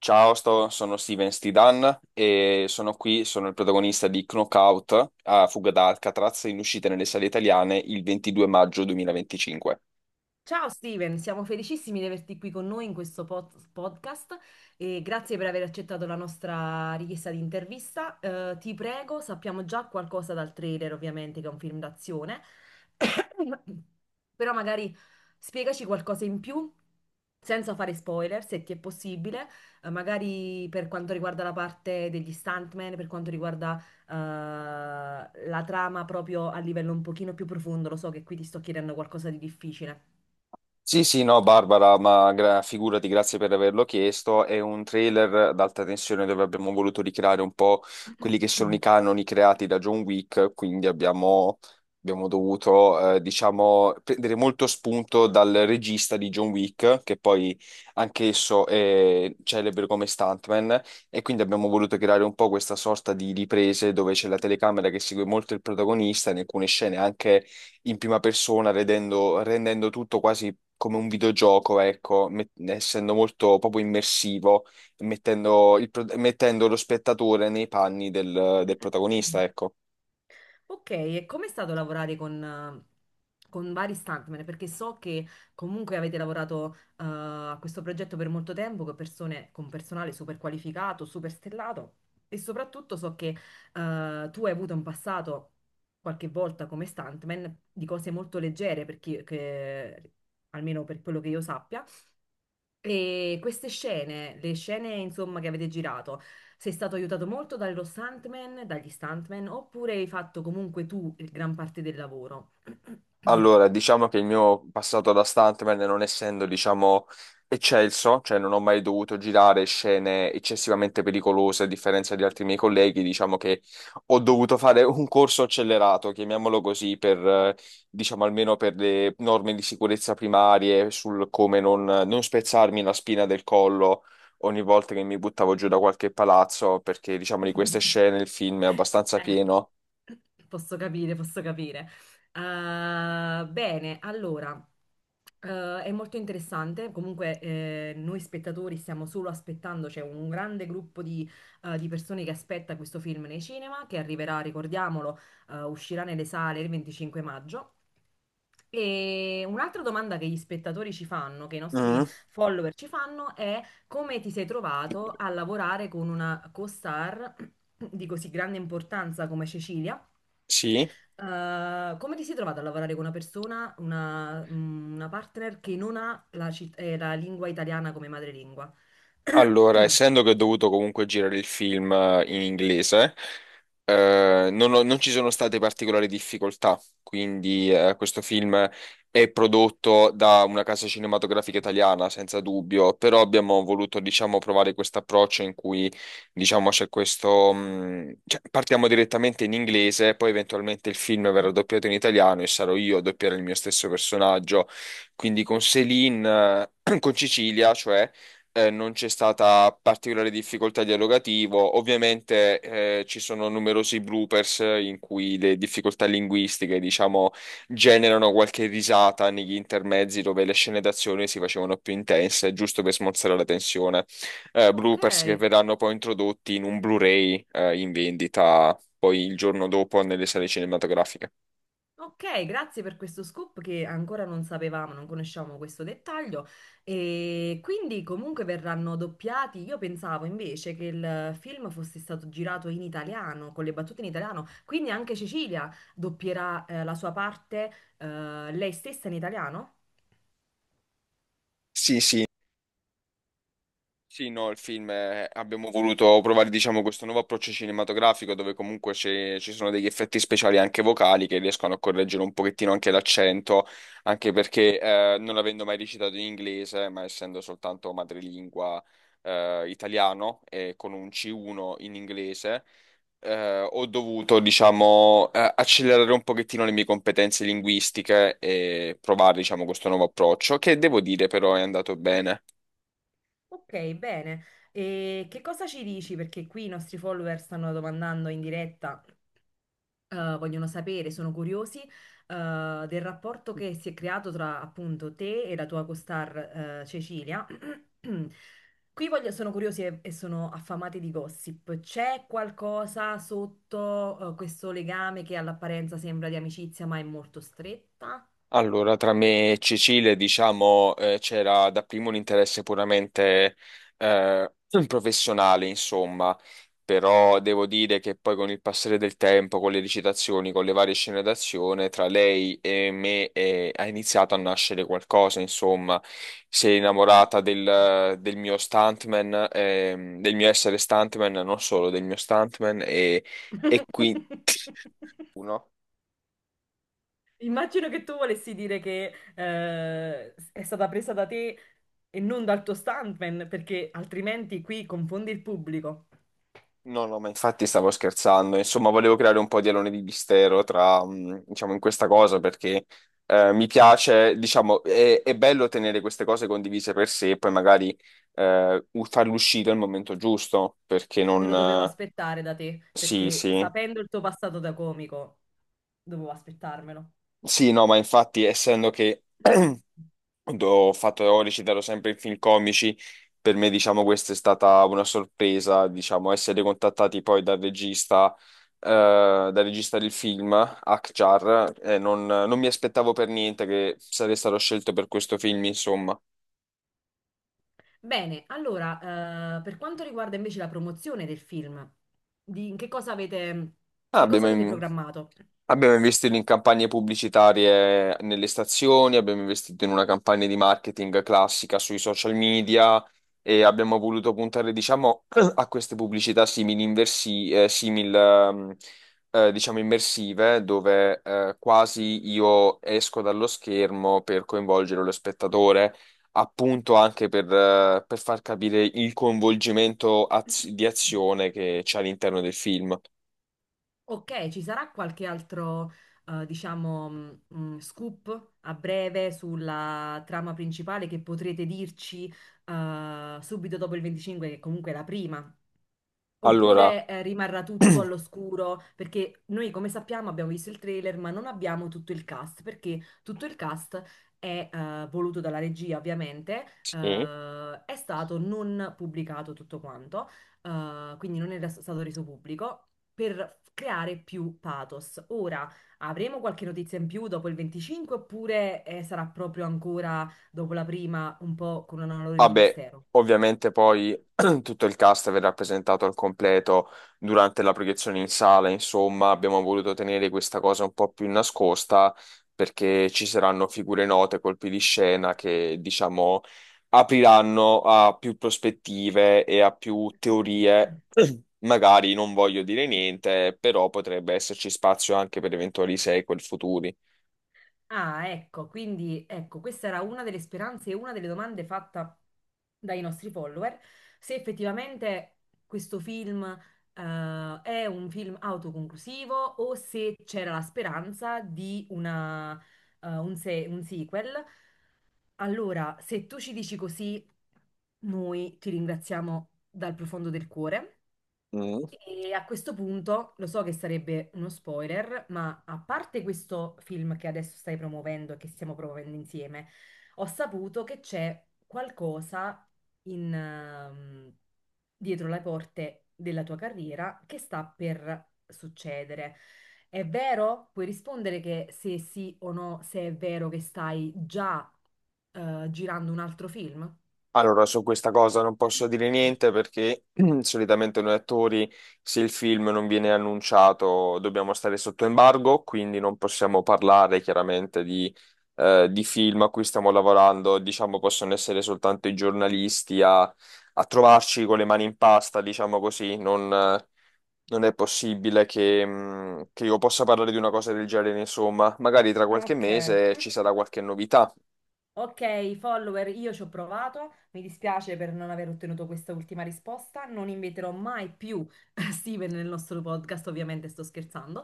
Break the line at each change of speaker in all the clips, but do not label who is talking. Ciao, sono Steven Stidan e sono qui, sono il protagonista di Knockout a fuga da Alcatraz in uscita nelle sale italiane il 22 maggio 2025.
Ciao Steven, siamo felicissimi di averti qui con noi in questo podcast e grazie per aver accettato la nostra richiesta di intervista. Ti prego, sappiamo già qualcosa dal trailer, ovviamente, che è un film d'azione, però magari spiegaci qualcosa in più senza fare spoiler, se ti è possibile, magari per quanto riguarda la parte degli stuntman, per quanto riguarda eh, la trama proprio a livello un pochino più profondo. Lo so che qui ti sto chiedendo qualcosa di difficile.
Sì, sì, no, Barbara, ma figurati, grazie per averlo chiesto. È un trailer ad alta tensione dove abbiamo voluto ricreare un po' quelli che sono i canoni creati da John Wick, quindi abbiamo dovuto, diciamo, prendere molto spunto dal regista di John Wick, che poi anch'esso è celebre come stuntman, e quindi abbiamo voluto creare un po' questa sorta di riprese dove c'è la telecamera che segue molto il protagonista, in alcune scene anche in prima persona, rendendo tutto quasi come un videogioco, ecco, essendo molto proprio immersivo, mettendo lo spettatore nei panni del protagonista, ecco.
Ok, e com'è stato lavorare con vari stuntman? Perché so che comunque avete lavorato a questo progetto per molto tempo con persone, con personale super qualificato, super stellato, e soprattutto so che tu hai avuto in passato qualche volta come stuntman di cose molto leggere, almeno per quello che io sappia. E queste scene, le scene insomma che avete girato, sei stato aiutato molto dallo stuntman, dagli stuntman, oppure hai fatto comunque tu gran parte del lavoro?
Allora, diciamo che il mio passato da stuntman, non essendo, diciamo, eccelso, cioè non ho mai dovuto girare scene eccessivamente pericolose, a differenza di altri miei colleghi, diciamo che ho dovuto fare un corso accelerato, chiamiamolo così, per, diciamo, almeno per le norme di sicurezza primarie, sul come non spezzarmi la spina del collo ogni volta che mi buttavo giù da qualche palazzo, perché, diciamo, di queste scene il film è abbastanza
Eh,
pieno.
posso capire, posso capire. Bene, allora, è molto interessante. Comunque, noi spettatori stiamo solo aspettando, c'è un grande gruppo di persone che aspetta questo film nei cinema, che arriverà, ricordiamolo, uscirà nelle sale il 25 maggio. E un'altra domanda che gli spettatori ci fanno, che i
Mm,
nostri follower ci fanno, è come ti sei trovato a lavorare con una co-star di così grande importanza come Cecilia?
sì.
Come ti sei trovato a lavorare con una persona, una, mm, una partner che non ha la, la lingua italiana come madrelingua?
Allora, essendo che ho dovuto comunque girare il film in inglese, non ci sono state particolari difficoltà, quindi questo film è prodotto da una casa cinematografica italiana, senza dubbio, però abbiamo voluto, diciamo, provare questo approccio in cui, diciamo, c'è questo, cioè, partiamo direttamente in inglese, poi eventualmente il film verrà doppiato in italiano e sarò io a doppiare il mio stesso personaggio, quindi con Céline, con Cecilia, cioè non c'è stata particolare difficoltà dialogativo. Ovviamente ci sono numerosi bloopers in cui le difficoltà linguistiche, diciamo, generano qualche risata negli intermezzi dove le scene d'azione si facevano più intense, giusto per smorzare la tensione.
Ok.
Bloopers che verranno poi introdotti in un Blu-ray in vendita poi il giorno dopo nelle sale cinematografiche.
Ok, grazie per questo scoop che ancora non sapevamo, non conosciamo questo dettaglio. E quindi comunque verranno doppiati. Io pensavo invece che il film fosse stato girato in italiano, con le battute in italiano, quindi anche Cecilia doppierà la sua parte lei stessa in italiano?
Sì, sì. Sì, no, il film abbiamo voluto provare, diciamo, questo nuovo approccio cinematografico dove comunque ci sono degli effetti speciali anche vocali che riescono a correggere un pochettino anche l'accento, anche perché non avendo mai recitato in inglese, ma essendo soltanto madrelingua italiano e con un C1 in inglese, ho dovuto, diciamo, accelerare un pochettino le mie competenze linguistiche e provare, diciamo, questo nuovo approccio, che devo dire però è andato bene.
Ok, bene. E che cosa ci dici? Perché qui i nostri follower stanno domandando in diretta. Vogliono sapere, sono curiosi, del rapporto che si è creato tra appunto te e la tua costar, Cecilia. Sono curiosi e sono affamati di gossip. C'è qualcosa sotto, questo legame che all'apparenza sembra di amicizia, ma è molto stretta?
Allora, tra me e Cecile, diciamo, c'era dapprima un interesse puramente eh, professionale, insomma, però devo dire che poi con il passare del tempo, con le recitazioni, con le varie scene d'azione, tra lei e me ha iniziato a nascere qualcosa, insomma, si è innamorata del mio stuntman, del mio essere stuntman, non solo del mio stuntman, e qui. Uno.
Immagino che tu volessi dire che è stata presa da te e non dal tuo stuntman, perché altrimenti qui confondi il pubblico.
No, no, ma infatti stavo scherzando. Insomma, volevo creare un po' di alone di mistero tra, diciamo, in questa cosa perché mi piace, diciamo, è bello tenere queste cose condivise per sé e poi magari farle uscire al momento giusto perché
Me
non.
lo dovevo aspettare da te,
Sì,
perché
sì.
sapendo il tuo passato da comico, dovevo aspettarmelo.
Sì, no, ma infatti, essendo che ho recitato sempre in film comici, per me, diciamo, questa è stata una sorpresa, diciamo, essere contattati poi dal regista, eh, del film, Akhtar, non mi aspettavo per niente che sarei stato scelto per questo film, insomma.
Bene, allora, per quanto riguarda invece la promozione del film, di in
Ah,
che cosa avete
abbiamo,
programmato?
Abbiamo investito in campagne pubblicitarie nelle stazioni, abbiamo investito in una campagna di marketing classica sui social media e abbiamo voluto puntare, diciamo, a queste pubblicità simili, inversi, diciamo, immersive, dove quasi io esco dallo schermo per coinvolgere lo spettatore, appunto anche per far capire il coinvolgimento di azione che c'è all'interno del film.
Ok, ci sarà qualche altro, diciamo, scoop a breve sulla trama principale che potrete dirci, subito dopo il 25, che comunque è la prima.
Allora,
Oppure rimarrà tutto all'oscuro, perché noi come sappiamo abbiamo visto il trailer, ma non abbiamo tutto il cast, perché tutto il cast è voluto dalla regia, ovviamente,
sì.
è stato non pubblicato tutto quanto, quindi non era stato reso pubblico. Per creare più pathos. Ora avremo qualche notizia in più dopo il 25, oppure sarà proprio ancora dopo la prima, un po' con un alone di
Vabbè,
mistero?
ovviamente poi tutto il cast verrà presentato al completo durante la proiezione in sala, insomma, abbiamo voluto tenere questa cosa un po' più nascosta perché ci saranno figure note, colpi di scena che, diciamo, apriranno a più prospettive e a più teorie. Magari non voglio dire niente, però potrebbe esserci spazio anche per eventuali sequel futuri.
Ah, ecco, quindi ecco, questa era una delle speranze e una delle domande fatta dai nostri follower, se effettivamente questo film è un film autoconclusivo o se c'era la speranza di una, un sequel. Allora, se tu ci dici così, noi ti ringraziamo dal profondo del cuore.
Mm.
E a questo punto lo so che sarebbe uno spoiler, ma a parte questo film che adesso stai promuovendo e che stiamo promuovendo insieme, ho saputo che c'è qualcosa in, dietro le porte della tua carriera che sta per succedere. È vero? Puoi rispondere che se sì o no, se è vero che stai già girando un altro film?
Allora, su questa cosa non posso dire niente perché solitamente noi attori, se il film non viene annunciato, dobbiamo stare sotto embargo, quindi non possiamo parlare chiaramente di film a cui stiamo lavorando. Diciamo, possono essere soltanto i giornalisti a trovarci con le mani in pasta, diciamo così. Non è possibile che io possa parlare di una cosa del genere, insomma. Magari tra qualche
Ok.
mese ci sarà qualche novità.
Ok, follower, io ci ho provato, mi dispiace per non aver ottenuto questa ultima risposta, non inviterò mai più Steven nel nostro podcast, ovviamente sto scherzando.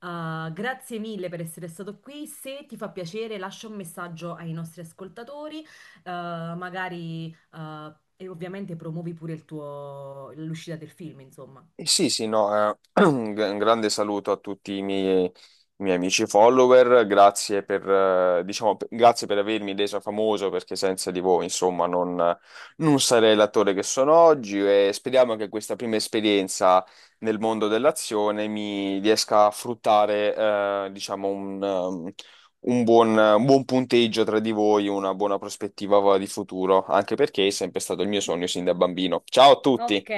Grazie mille per essere stato qui, se ti fa piacere lascia un messaggio ai nostri ascoltatori, magari e ovviamente promuovi pure l'uscita del film, insomma.
Sì, sì, no, un grande saluto a tutti i miei amici follower, grazie per avermi reso famoso perché senza di voi, insomma, non sarei l'attore che sono oggi e speriamo che questa prima esperienza nel mondo dell'azione mi riesca a fruttare, diciamo, un buon punteggio tra di voi, una buona prospettiva di futuro, anche perché è sempre stato il mio sogno sin da bambino. Ciao a
Ok,
tutti!